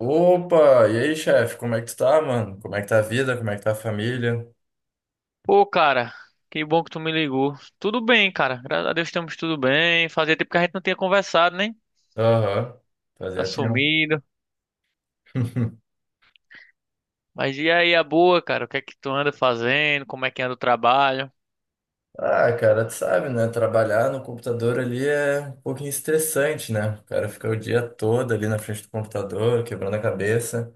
Opa, e aí, chefe, como é que tu tá, mano? Como é que tá a vida? Como é que tá a família? Pô, cara, que bom que tu me ligou. Tudo bem, cara. Graças a Deus estamos tudo bem. Fazia tempo que a gente não tinha conversado, né? Aham, Tá fazia tempo. sumido. Mas e aí, a boa, cara? O que é que tu anda fazendo? Como é que anda o trabalho? Ah, cara, tu sabe, né? Trabalhar no computador ali é um pouquinho estressante, né? O cara fica o dia todo ali na frente do computador, quebrando a cabeça.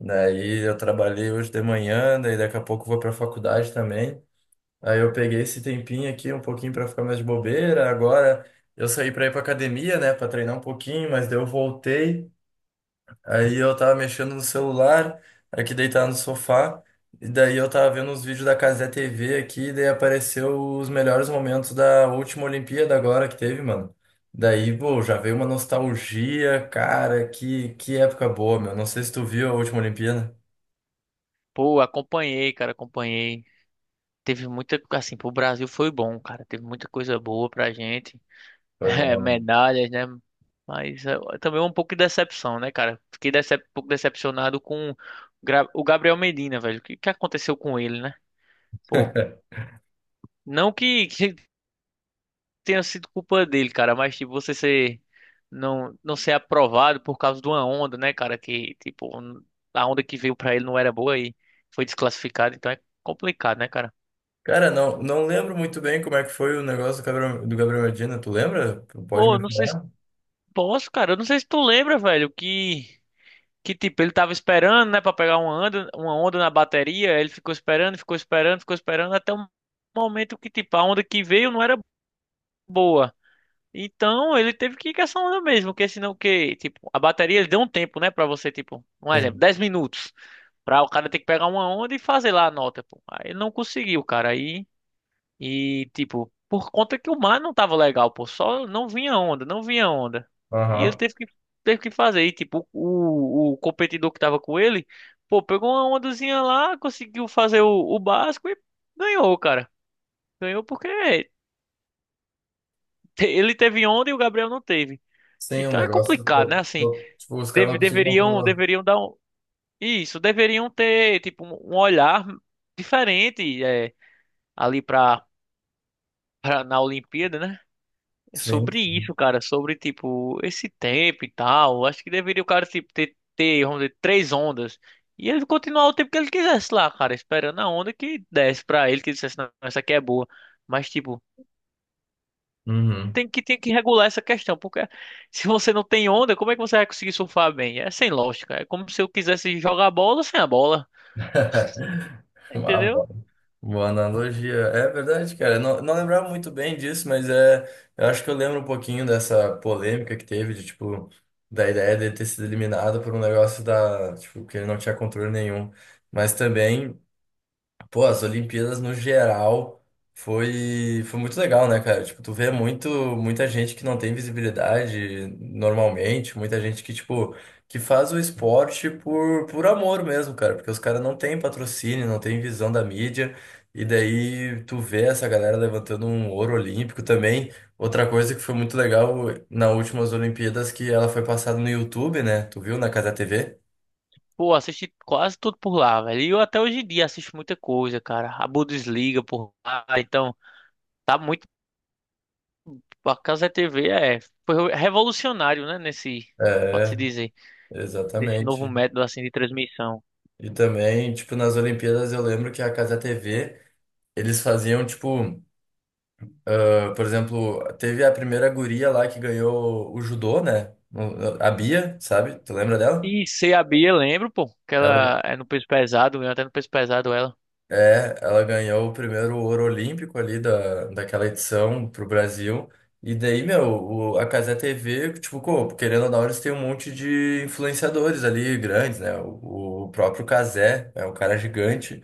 Daí eu trabalhei hoje de manhã, daí daqui a pouco eu vou pra faculdade também. Aí eu peguei esse tempinho aqui um pouquinho pra ficar mais de bobeira. Agora eu saí pra ir pra academia, né? Pra treinar um pouquinho, mas daí eu voltei. Aí eu tava mexendo no celular, aqui deitado no sofá, e daí eu tava vendo uns vídeos da Cazé TV aqui, e daí apareceu os melhores momentos da última Olimpíada agora que teve, mano. Daí, pô, já veio uma nostalgia, cara, que época boa, meu. Não sei se tu viu a última Olimpíada. Pô, acompanhei, cara, acompanhei. Teve muita, assim, pro Brasil foi bom, cara. Teve muita coisa boa pra gente. Foi É, bom, né? medalhas, né? Mas é também um pouco de decepção, né, cara? Fiquei decep um pouco decepcionado com o Gabriel Medina, velho. O que que aconteceu com ele, né? Pô, não que que tenha sido culpa dele, cara, mas tipo, você ser não não ser aprovado por causa de uma onda, né, cara, que tipo, a onda que veio pra ele não era boa e foi desclassificado, então é complicado, né, cara? Cara, não, não lembro muito bem como é que foi o negócio do Gabriel Medina. Tu lembra? Tu pode Pô, me eu não sei se falar? posso, cara, eu não sei se tu lembra, velho, que tipo, ele tava esperando, né, pra pegar uma onda na bateria, ele ficou esperando, ficou esperando, ficou esperando até o momento que tipo, a onda que veio não era boa. Então ele teve que ir com essa onda mesmo, porque senão que, tipo, a bateria ele deu um tempo, né, pra você, tipo, um exemplo, Sim. 10 minutos, pra o cara ter que pegar uma onda e fazer lá a nota, pô. Aí ele não conseguiu, cara, aí, e, tipo, por conta que o mar não tava legal, pô, só não vinha onda, não vinha onda. E ele Aham. teve que fazer, e, tipo, o competidor que tava com ele, pô, pegou uma ondazinha lá, conseguiu fazer o básico e ganhou, cara. Ganhou porque ele teve onda e o Gabriel não teve. Sim, o Então é negócio. complicado, né? Pô, Assim, pô, tipo, os caras deve- não conseguem deveriam, controlar. deveriam dar um, isso, deveriam ter tipo um olhar diferente é, ali para na Olimpíada, né? É, Sim. sobre isso, cara, sobre tipo esse tempo e tal. Acho que deveria o cara tipo, ter, vamos dizer, três ondas e ele continuar o tempo que ele quisesse lá, cara, esperando a onda que desse pra ele, que ele dissesse, não, essa aqui é boa. Mas tipo Uhum. tem que regular essa questão, porque se você não tem onda, como é que você vai conseguir surfar bem? É sem lógica. É como se eu quisesse jogar bola sem a bola, Ah, entendeu? boa, boa analogia. É verdade, cara. Eu não, não lembrava muito bem disso, mas é, eu acho que eu lembro um pouquinho dessa polêmica que teve, de tipo, da ideia de ter sido eliminado por um negócio da, tipo, que ele não tinha controle nenhum. Mas também. Pô, as Olimpíadas no geral foi muito legal, né, cara? Tipo, tu vê muito, muita gente que não tem visibilidade normalmente, muita gente que, tipo, que faz o esporte por amor mesmo, cara, porque os caras não têm patrocínio, não têm visão da mídia, e daí tu vê essa galera levantando um ouro olímpico também. Outra coisa que foi muito legal nas últimas Olimpíadas que ela foi passada no YouTube, né? Tu viu na Casa TV? Pô, assisti quase tudo por lá, velho. E eu até hoje em dia assisto muita coisa, cara. A Bundesliga por lá, então tá muito. A Casa TV foi revolucionário, né? Nesse, pode-se É, dizer, nesse novo exatamente. método assim de transmissão. E também, tipo, nas Olimpíadas eu lembro que a Casa TV, eles faziam, tipo, ah, por exemplo, teve a primeira guria lá que ganhou o judô, né? O- a Bia, sabe? Tu lembra dela? E CA Bia, lembro, pô, que Ela ela é no peso pesado, eu até no peso pesado ela. é, ela ganhou o primeiro ouro olímpico ali da, daquela edição pro Brasil. E daí, meu, o- a Cazé TV, tipo, co- querendo ou não, eles têm um monte de influenciadores ali grandes, né? O próprio Cazé é um cara gigante.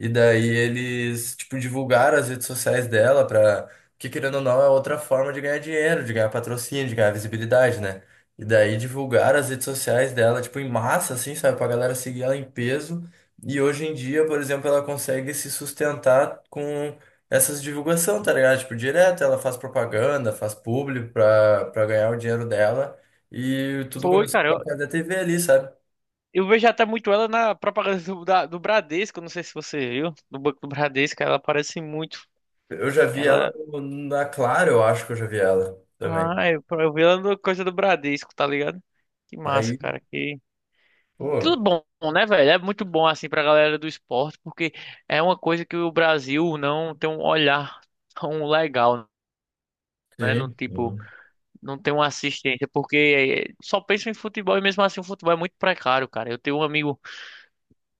E daí eles, tipo, divulgaram as redes sociais dela pra... Que, querendo ou não, é outra forma de ganhar dinheiro, de ganhar patrocínio, de ganhar visibilidade, né? E daí divulgaram as redes sociais dela, tipo, em massa, assim, sabe? Pra galera seguir ela em peso. E hoje em dia, por exemplo, ela consegue se sustentar com essas divulgação, tá ligado? Tipo, direto, ela faz propaganda, faz publi pra ganhar o dinheiro dela. E tudo Foi, começou com cara. a casa da TV ali, sabe? Eu vejo até muito ela na propaganda do Bradesco, não sei se você viu, do Banco do Bradesco, ela aparece muito. Eu já vi ela Ela. no- na Claro, eu acho que eu já vi ela Ah, também. eu vi ela no coisa do Bradesco, tá ligado? Que massa, Aí, cara. Que pô, bom, né, velho? É muito bom, assim, pra galera do esporte, porque é uma coisa que o Brasil não tem um olhar tão legal, né? No sim, tipo, sim. não tem uma assistência, porque só pensa em futebol e mesmo assim o futebol é muito precário, cara. Eu tenho um amigo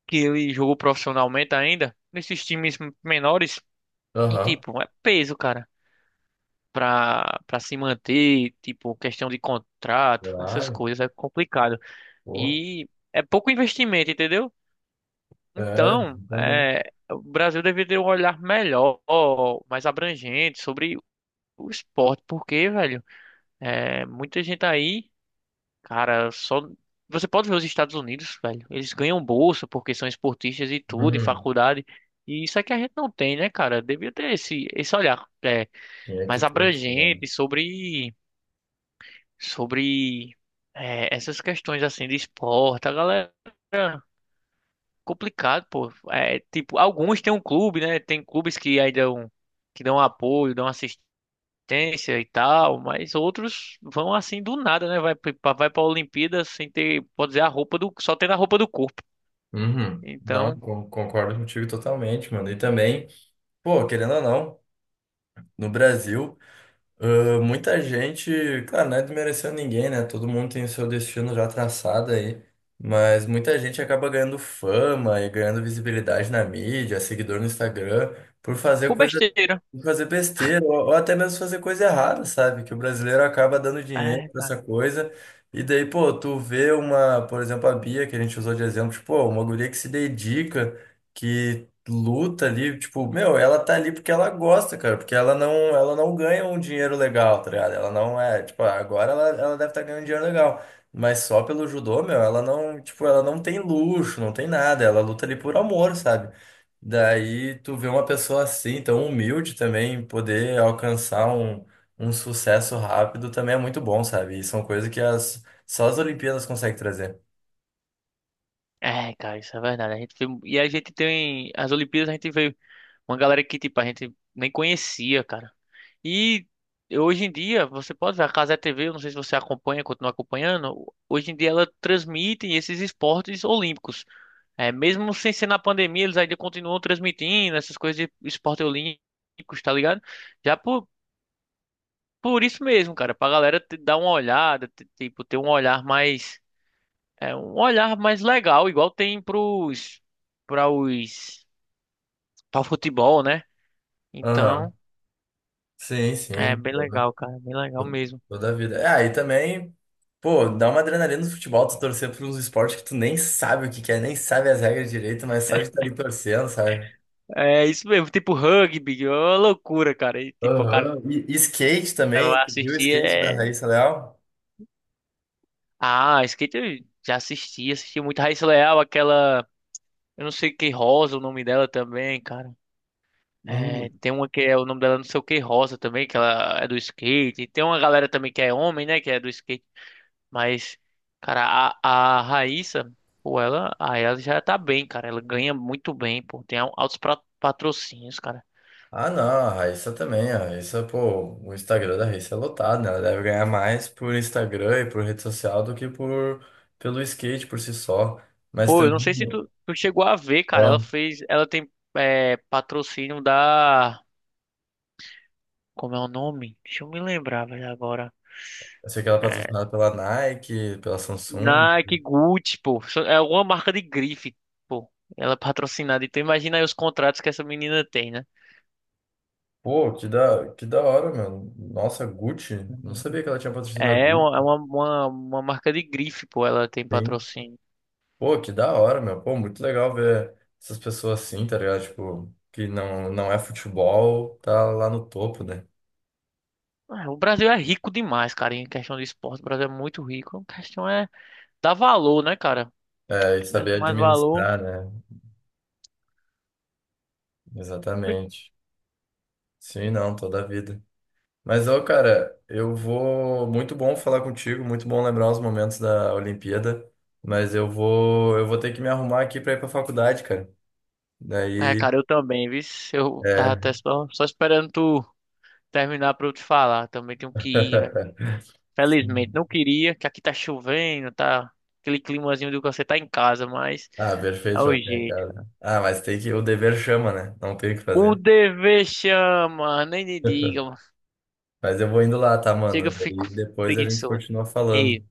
que ele jogou profissionalmente ainda, nesses times menores. E Aham, tipo, é peso, cara, pra se manter, tipo, questão de contrato, essas claro, coisas é complicado. pô. E é pouco investimento, entendeu? É, Então, também. é, o Brasil deveria ter um olhar melhor, mais abrangente sobre o esporte, porque, velho, é, muita gente aí, cara, só. Você pode ver os Estados Unidos, velho, eles ganham bolsa porque são esportistas e tudo, em Uhum. faculdade. E isso é que a gente não tem, né, cara? Devia ter esse olhar. É, Tinha mais que ter isso, né? abrangente sobre é, essas questões assim de esporte. A galera complicado, pô. É, tipo, alguns têm um clube, né? Tem clubes que aí dão que dão apoio, dão assistência e tal, mas outros vão assim do nada, né? Vai para Olimpíada sem ter, pode dizer, a roupa do só tendo a roupa do corpo. Uhum. Não, Então, con- concordo contigo totalmente, mano. E também, pô, querendo ou não. No Brasil. Ah, muita gente, claro, não é desmerecendo ninguém, né? Todo mundo tem o seu destino já traçado aí. Mas muita gente acaba ganhando fama e ganhando visibilidade na mídia, seguidor no Instagram, por fazer por coisa. besteira. Fazer besteira, ou até mesmo fazer coisa errada, sabe? Que o brasileiro acaba dando dinheiro É, pra cara. essa coisa. E daí, pô, tu vê uma, por exemplo, a Bia, que a gente usou de exemplo, tipo, pô, uma guria que se dedica, que luta ali, tipo, meu, ela tá ali porque ela gosta, cara, porque ela não ganha um dinheiro legal, tá ligado? Ela não é, tipo, agora ela, ela deve estar ganhando dinheiro legal. Mas só pelo judô, meu, ela não, tipo, ela não tem luxo, não tem nada, ela luta ali por amor, sabe? Daí tu vê uma pessoa assim, tão humilde também, poder alcançar um, um sucesso rápido também é muito bom, sabe? E são coisas que as, só as Olimpíadas conseguem trazer. É, cara, isso é verdade. A gente tem. As Olimpíadas a gente veio. Uma galera que, tipo, a gente nem conhecia, cara. E hoje em dia, você pode ver, a Cazé TV, eu não sei se você acompanha, continua acompanhando, hoje em dia ela transmite esses esportes olímpicos. É, mesmo sem ser na pandemia, eles ainda continuam transmitindo essas coisas de esporte olímpicos, tá ligado? Já por isso mesmo, cara, pra galera dar uma olhada, tipo, ter um olhar mais, é, um olhar mais legal, igual tem pros, pra os, pra o futebol, né? Aham. Então, Sim, é sim. bem Toda, legal, cara, bem legal mesmo. toda a vida. É, aí também, pô, dá uma adrenalina no futebol, tu torcer por uns esportes que tu nem sabe o que que é, nem sabe as regras direito, mas só de estar ali torcendo, sabe? É isso mesmo, tipo rugby, ó, loucura, cara. E, tipo, o cara Aham. E skate também, vai tu viu o assistir skate da é. Raíssa Leal? Ah, skate eu já assisti muito Raíssa Leal, aquela. Eu não sei que Rosa, o nome dela também, cara. É, tem uma que é o nome dela não sei o que Rosa também, que ela é do skate. Tem uma galera também que é homem, né, que é do skate. Mas, cara, a Raíssa, pô, ela já tá bem, cara. Ela ganha muito bem, pô. Tem altos patrocínios, cara. Ah, não, a Raíssa também, a Raíssa, pô, o Instagram da Raíssa é lotado, né? Ela deve ganhar mais por Instagram e por rede social do que por pelo skate por si só. Mas Pô, eu não também, sei se tu chegou a ver, cara. Ela ó, fez. Ela tem patrocínio da. Como é o nome? Deixa eu me lembrar, velho, agora. eu sei que ela é É, patrocinada pela Nike, pela Samsung. Nike, Gucci, pô. É alguma marca de grife, pô. Ela é patrocinada. Então imagina aí os contratos que essa menina tem, né? Pô, que da hora, meu. Nossa, Gucci. Não sabia que ela tinha patrocinado a É uma, é Gucci, uma, uma, uma marca de grife, pô. Ela tem sim. patrocínio. Pô, que da hora, meu. Pô, muito legal ver essas pessoas assim, tá ligado? Tipo, que não, não é futebol, tá lá no topo, né? Ah, o Brasil é rico demais, cara, em questão de esporte. O Brasil é muito rico. A questão é dar valor, né, cara? É, e Desse saber mais valor. administrar, né? Exatamente. Sim, não, toda a vida. Mas, ô, cara, eu vou. Muito bom falar contigo, muito bom lembrar os momentos da Olimpíada. Mas eu vou ter que me arrumar aqui pra ir pra faculdade, cara. É, Daí, cara, eu também, viu? Eu tava é. até só esperando tu terminar pra eu te falar. Também tenho que ir, velho. Felizmente, Sim. não queria, que aqui tá chovendo, tá aquele climazinho de que você tá em casa, mas Ah, é perfeito, o já fiquei em jeito. casa. Ah, mas tem que. O dever chama, né? Não tem o que O fazer. dever chama, nem me diga, mano. Mas eu vou indo lá, tá, Chega, mano? eu Daí fico depois a gente preguiçoso. continua falando. E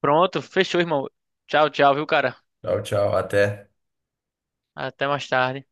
pronto, fechou, irmão. Tchau, tchau, viu, cara? Tchau, tchau. Até. Até mais tarde.